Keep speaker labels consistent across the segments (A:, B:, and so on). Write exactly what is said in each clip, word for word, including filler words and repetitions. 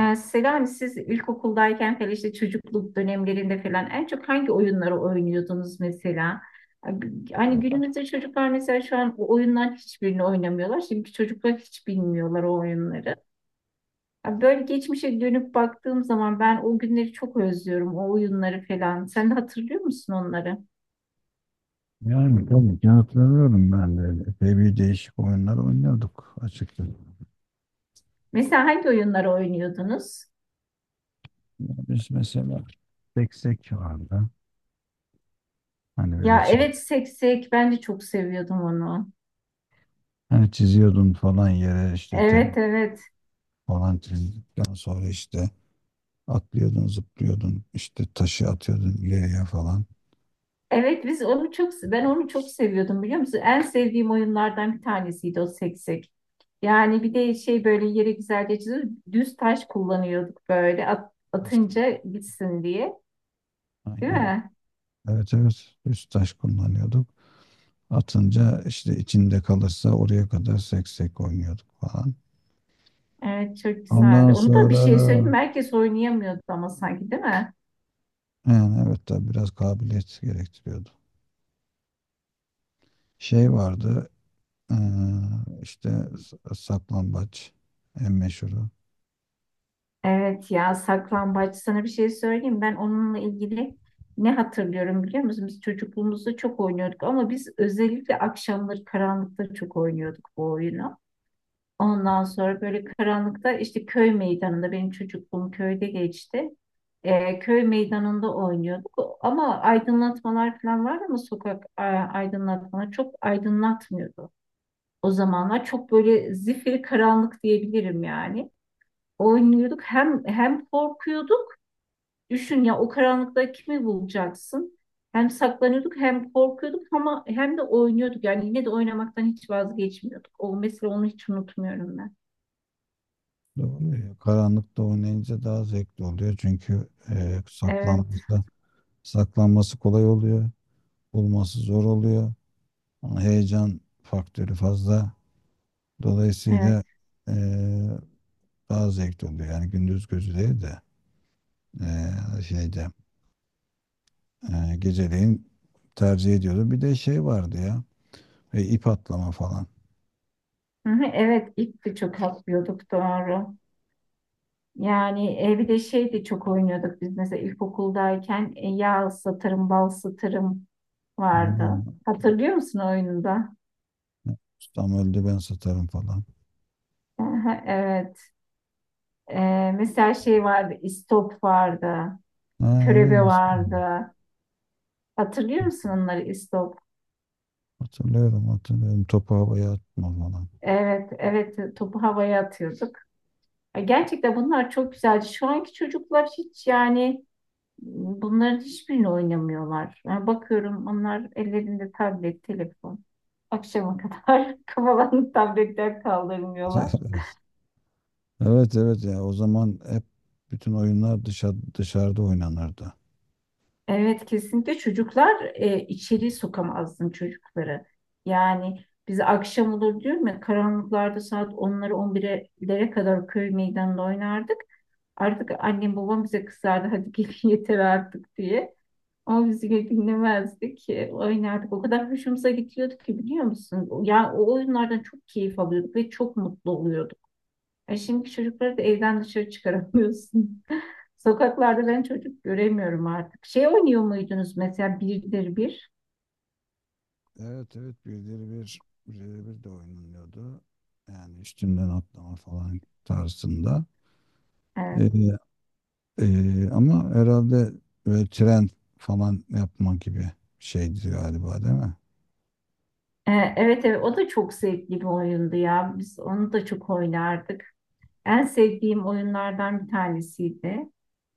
A: Ee, Selami siz ilkokuldayken falan işte çocukluk dönemlerinde falan en çok hangi oyunları oynuyordunuz mesela? Hani günümüzde çocuklar mesela şu an o oyundan hiçbirini oynamıyorlar. Şimdiki çocuklar hiç bilmiyorlar o oyunları. Ya böyle geçmişe dönüp baktığım zaman ben o günleri çok özlüyorum. O oyunları falan. Sen de hatırlıyor musun onları?
B: Yani tabii ki hatırlıyorum ben de. Epey bir değişik oyunlar oynuyorduk açıkçası.
A: Mesela hangi oyunları oynuyordunuz?
B: Ya biz mesela seksek vardı. Hani böyle
A: Ya
B: çiz,
A: evet, seksek ben de çok seviyordum onu.
B: hani çiziyordun falan yere işte tep
A: Evet, evet.
B: falan çizdikten sonra işte atlıyordun, zıplıyordun, işte taşı atıyordun ileriye falan.
A: Evet biz onu çok ben onu çok seviyordum biliyor musun? En sevdiğim oyunlardan bir tanesiydi o seksek. Yani bir de şey böyle yere güzelce çiziyor. Düz taş kullanıyorduk böyle at- atınca gitsin diye. Değil
B: Aynen.
A: mi?
B: Evet, evet. Üst taş kullanıyorduk. Atınca işte içinde kalırsa oraya kadar seksek oynuyorduk falan.
A: Evet çok
B: Ondan
A: güzeldi. Onu da bir
B: sonra
A: şey söyleyeyim mi? Herkes oynayamıyordu ama sanki, değil mi?
B: yani evet tabii biraz kabiliyet gerektiriyordu. Şey vardı eee, işte s- saklambaç en meşhuru.
A: Evet ya, saklambaç, sana bir şey söyleyeyim. Ben onunla ilgili ne hatırlıyorum biliyor musun? Biz çocukluğumuzda çok oynuyorduk ama biz özellikle akşamları karanlıkta çok oynuyorduk bu oyunu. Ondan sonra böyle karanlıkta işte köy meydanında, benim çocukluğum köyde geçti. Ee, köy meydanında oynuyorduk ama aydınlatmalar falan vardı ama sokak a- aydınlatmaları çok aydınlatmıyordu. O zamanlar çok böyle zifiri karanlık diyebilirim yani. Oynuyorduk hem hem korkuyorduk. Düşün ya, o karanlıkta kimi bulacaksın? Hem saklanıyorduk hem korkuyorduk ama hem de oynuyorduk. Yani yine de oynamaktan hiç vazgeçmiyorduk. O, mesela onu hiç unutmuyorum ben.
B: Doğru ya. Karanlıkta oynayınca daha zevkli oluyor çünkü eee
A: Evet.
B: saklanması, saklanması kolay oluyor. Bulması zor oluyor. Ama heyecan faktörü fazla. Dolayısıyla
A: Evet.
B: eee, daha zevkli oluyor. Yani gündüz gözü değil de eee, şeyde Ee, geceleyin tercih ediyordu. Bir de şey vardı ya. E, ip atlama falan.
A: Hı hı, evet, ip de çok atlıyorduk, doğru. Yani e, bir de şey de çok oynuyorduk biz, mesela ilkokuldayken e, yağ ıslatırım, bal ıslatırım vardı.
B: Hmm.
A: Hatırlıyor musun oyununda?
B: Ustam öldü ben satarım falan.
A: Hı hı, evet. E, mesela şey vardı, istop vardı,
B: Ha,
A: körebe
B: öyle işte.
A: vardı. Hatırlıyor musun onları, istop?
B: Hatırlıyorum, hatırlıyorum. Topu havaya atma falan.
A: Evet, evet, topu havaya atıyorduk. E, Gerçekten bunlar çok güzeldi. Şu anki çocuklar hiç, yani bunların hiçbirini oynamıyorlar. Yani bakıyorum, onlar ellerinde tablet, telefon. Akşama kadar kafalarını tabletten kaldırmıyorlar.
B: Evet, evet ya, o zaman hep bütün oyunlar dışa, dışarıda oynanırdı.
A: Evet, kesinlikle çocuklar e, içeri sokamazdım çocukları. Yani biz akşam olur diyorum ya, karanlıklarda saat onlara on birlere kadar köy meydanında oynardık. Artık annem babam bize kızardı, hadi gelin yeter artık diye. Ama biz yine dinlemezdik. E, Oynardık. O kadar hoşumuza gidiyordu ki biliyor musun? Ya, o oyunlardan çok keyif alıyorduk ve çok mutlu oluyorduk. E şimdi çocukları da evden dışarı çıkaramıyorsun. Sokaklarda ben çocuk göremiyorum artık. Şey oynuyor muydunuz mesela, birdir bir?
B: Evet, evet, birileri bir birileri bir de oynanıyordu. Yani üstünden atlama falan tarzında.
A: E,
B: Ee, Ee, ama herhalde böyle tren falan yapma gibi bir şeydi galiba, değil mi?
A: e, evet, evet, o da çok zevkli bir oyundu ya. Biz onu da çok oynardık. En sevdiğim oyunlardan bir tanesiydi.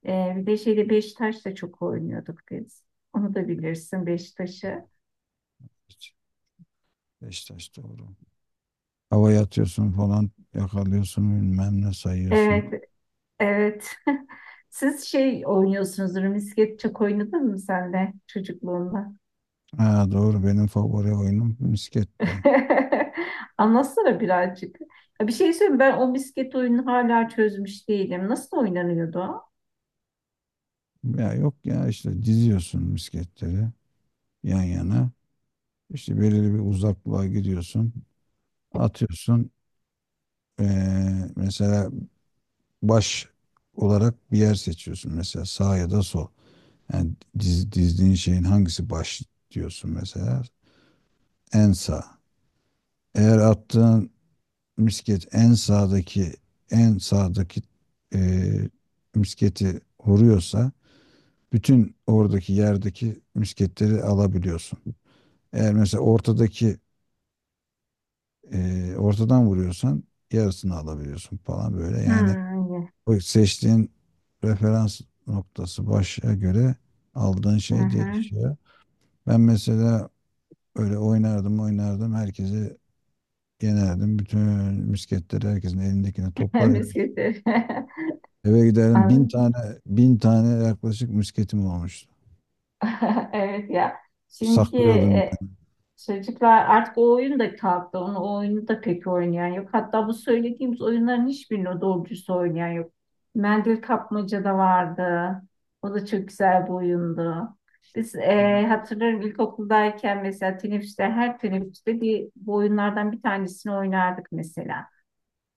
A: E, bir de şeyde, Beşiktaş da çok oynuyorduk biz. Onu da bilirsin, Beşiktaş'ı.
B: Hiç. Beşiktaş doğru. Havaya atıyorsun falan, yakalıyorsun, bilmem ne sayıyorsun.
A: Evet, evet. Siz şey oynuyorsunuzdur. Misket çok oynadın mı sen de çocukluğunda?
B: Ha, doğru, benim favori oyunum misketti.
A: Anlatsana birazcık. Ya bir şey söyleyeyim, ben o misket oyunu hala çözmüş değilim. Nasıl oynanıyordu o?
B: Ya yok ya, işte diziyorsun misketleri yan yana. İşte belirli bir uzaklığa gidiyorsun. Atıyorsun. Ee, mesela baş olarak bir yer seçiyorsun. Mesela sağ ya da sol. Yani diz- dizdiğin şeyin hangisi baş diyorsun mesela? En sağ. Eğer attığın misket en sağdaki en sağdaki eee, misketi vuruyorsa bütün oradaki yerdeki misketleri alabiliyorsun. Eğer mesela ortadaki eee, ortadan vuruyorsan yarısını alabiliyorsun falan böyle. Yani
A: Hmm.
B: o seçtiğin referans noktası başa göre aldığın
A: Hı
B: şey
A: hı.
B: değişiyor. Ben mesela öyle oynardım oynardım herkesi yenerdim. Bütün misketleri, herkesin elindekini toplar eve,
A: Misketleri.
B: eve giderdim. Bin
A: Anladım.
B: tane bin tane yaklaşık misketim olmuştu.
A: Evet ya. Şimdiki
B: Saklıyordum.
A: e, Çocuklar artık o oyun da kalktı. Onu, o oyunu da pek oynayan yok. Hatta bu söylediğimiz oyunların hiçbirini doğru dürüst oynayan yok. Mendil kapmaca da vardı. O da çok güzel bir oyundu. Biz
B: Evet.
A: eee hatırlarım, ilkokuldayken mesela teneffüste, her teneffüste bir bu oyunlardan bir tanesini oynardık mesela.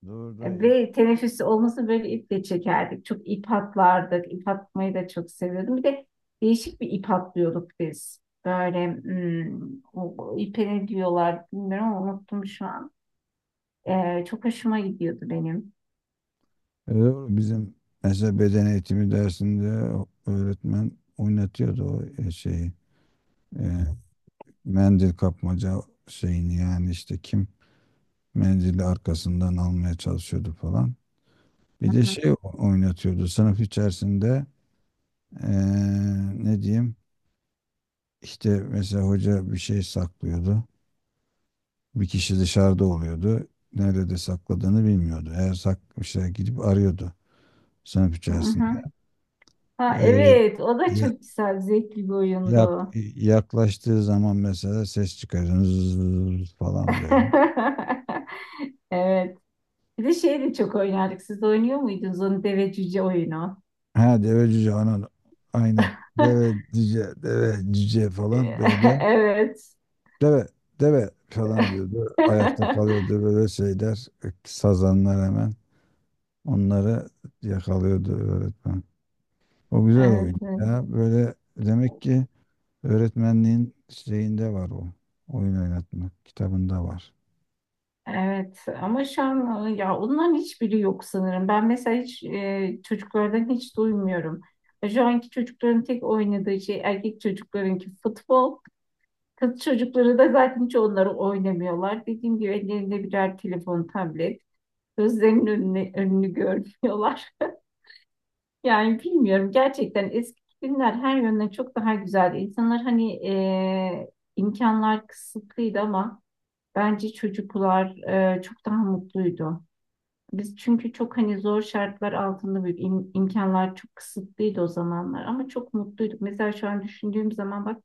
B: Doğru da iyi.
A: Ve teneffüs olması böyle, iple çekerdik. Çok ip atlardık. İp atmayı da çok seviyordum. Bir de değişik bir ip atlıyorduk biz. Böyle hmm, o, o ipe ne diyorlar bilmiyorum ama unuttum şu an. Ee, çok hoşuma gidiyordu benim.
B: E, doğru. Bizim mesela beden eğitimi dersinde öğretmen oynatıyordu o e, şeyi. E, mendil kapmaca şeyini, yani işte kim mendili arkasından almaya çalışıyordu falan.
A: Hı
B: Bir de
A: hı.
B: şey o- oynatıyordu sınıf içerisinde, e, ne diyeyim, İşte mesela hoca bir şey saklıyordu. Bir kişi dışarıda oluyordu. Nerede de sakladığını bilmiyordu. Eğer saklamışsa gidip arıyordu sınıf
A: Hı
B: içerisinde.
A: hı. Ha,
B: Ee,
A: evet, o da
B: ya-
A: çok güzel, zevkli bir oyundu.
B: yak- yaklaştığı zaman mesela ses çıkarıyor. Zzzz falan böyle.
A: Evet. Bir de şey de çok oynardık. Siz de oynuyor muydunuz onu, deve cüce oyunu?
B: Ha, deve cüce anan aynen. Deve cüce, deve cüce falan böyle.
A: Evet.
B: Deve, deve falan diyordu. Ayakta kalıyordu böyle şeyler. Sazanlar hemen. Onları yakalıyordu öğretmen. O güzel
A: Evet,
B: oyun
A: evet.
B: ya. Böyle demek ki öğretmenliğin şeyinde var o. Oyun oynatmak kitabında var.
A: Evet ama şu an e, ya, onların hiçbiri yok sanırım. Ben mesela hiç e, çocuklardan hiç duymuyorum. Şu anki çocukların tek oynadığı şey, erkek çocuklarınki futbol. Kız çocukları da zaten hiç onları oynamıyorlar. Dediğim gibi ellerinde birer telefon, tablet. Gözlerinin önünü, önünü görmüyorlar. Yani bilmiyorum, gerçekten eski günler her yönden çok daha güzeldi. İnsanlar hani e, imkanlar kısıtlıydı ama bence çocuklar e, çok daha mutluydu. Biz çünkü çok, hani, zor şartlar altında büyüdük. İm- imkanlar çok kısıtlıydı o zamanlar ama çok mutluyduk. Mesela şu an düşündüğüm zaman bak,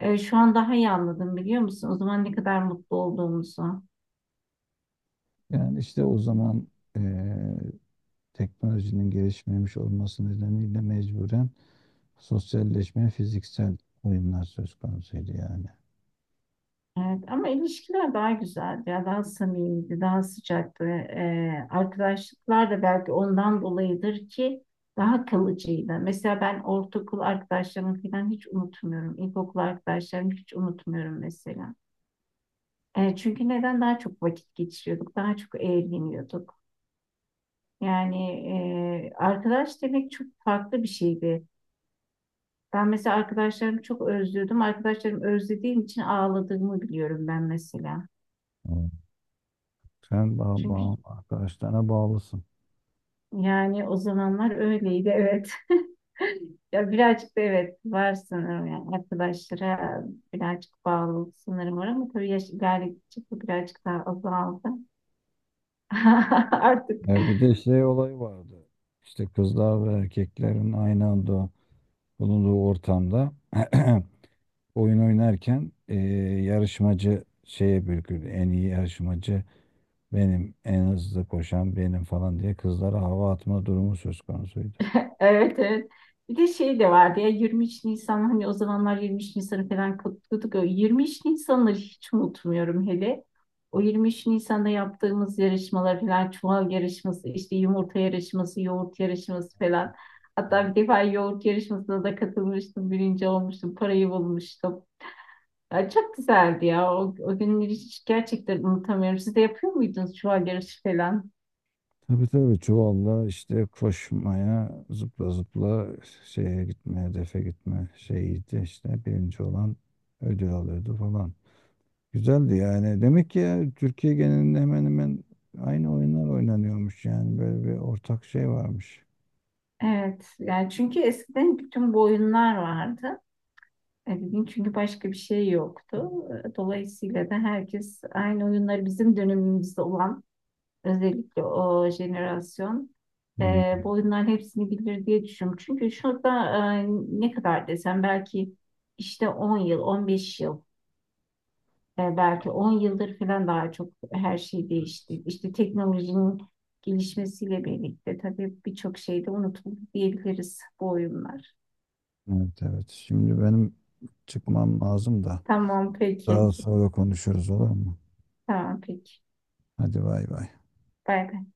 A: e, şu an daha iyi anladım biliyor musun? O zaman ne kadar mutlu olduğumuzu.
B: Yani işte o zaman eee, teknolojinin gelişmemiş olması nedeniyle mecburen sosyalleşme, fiziksel oyunlar söz konusuydu yani.
A: Evet ama ilişkiler daha güzeldi ya, daha samimiydi, daha sıcaktı. E, arkadaşlıklar da belki ondan dolayıdır ki daha kalıcıydı. Mesela ben ortaokul arkadaşlarımı falan hiç unutmuyorum. İlkokul arkadaşlarımı hiç unutmuyorum mesela. E, çünkü neden, daha çok vakit geçiriyorduk, daha çok eğleniyorduk. Yani e, arkadaş demek çok farklı bir şeydi. Ben mesela arkadaşlarımı çok özlüyordum. Arkadaşlarımı özlediğim için ağladığımı biliyorum ben, mesela.
B: Hmm. Sen bağ,
A: Çünkü
B: bağ, arkadaşlarına bağlısın.
A: yani o zamanlar öyleydi, evet. Ya birazcık da evet var sanırım, yani arkadaşlara birazcık bağlılık sanırım var ama tabii yaş ilerledikçe bu birazcık daha azaldı. Artık.
B: E, bir de şey olayı vardı. İşte kızlar ve erkeklerin aynı anda bulunduğu ortamda oyun oynarken eee, yarışmacı şeye bürkürdü. En iyi yarışmacı benim, en hızlı koşan benim falan diye kızlara hava atma durumu söz konusuydu.
A: Evet, evet. Bir de şey de vardı ya, yirmi üç Nisan, hani o zamanlar yirmi üç Nisan'ı falan kutluyorduk. O yirmi üç Nisan'ları hiç unutmuyorum hele. O yirmi üç Nisan'da yaptığımız yarışmalar falan, çuval yarışması, işte yumurta yarışması, yoğurt yarışması falan. Hatta
B: Evet.
A: bir defa yoğurt yarışmasına da katılmıştım, birinci olmuştum, parayı bulmuştum. Ya çok güzeldi ya. O, o günleri hiç gerçekten unutamıyorum. Siz de yapıyor muydunuz çuval yarışı falan?
B: Tabii, tabii, çuvalla işte koşmaya, zıpla zıpla şeye gitme, hedefe gitme şeyiydi, işte birinci olan ödül alıyordu falan. Güzeldi yani. Demek ki ya, Türkiye genelinde hemen hemen aynı oyunlar oynanıyormuş, yani böyle bir ortak şey varmış.
A: Evet. Yani çünkü eskiden bütün bu oyunlar vardı. Ebeveyn, çünkü başka bir şey yoktu. Dolayısıyla da herkes aynı oyunları, bizim dönemimizde olan, özellikle o jenerasyon e,
B: Hmm.
A: bu oyunların hepsini bilir diye düşünüyorum. Çünkü şurada e, ne kadar desem, belki işte on yıl, on beş yıl e, belki on yıldır falan daha çok, her şey değişti. İşte teknolojinin gelişmesiyle birlikte tabii birçok şey de unutuldu diyebiliriz, bu oyunlar.
B: Evet, evet. Şimdi benim çıkmam lazım da
A: Tamam, peki.
B: daha sonra konuşuruz, olur mu?
A: Tamam, peki.
B: Hadi bay bay.
A: Bay bay.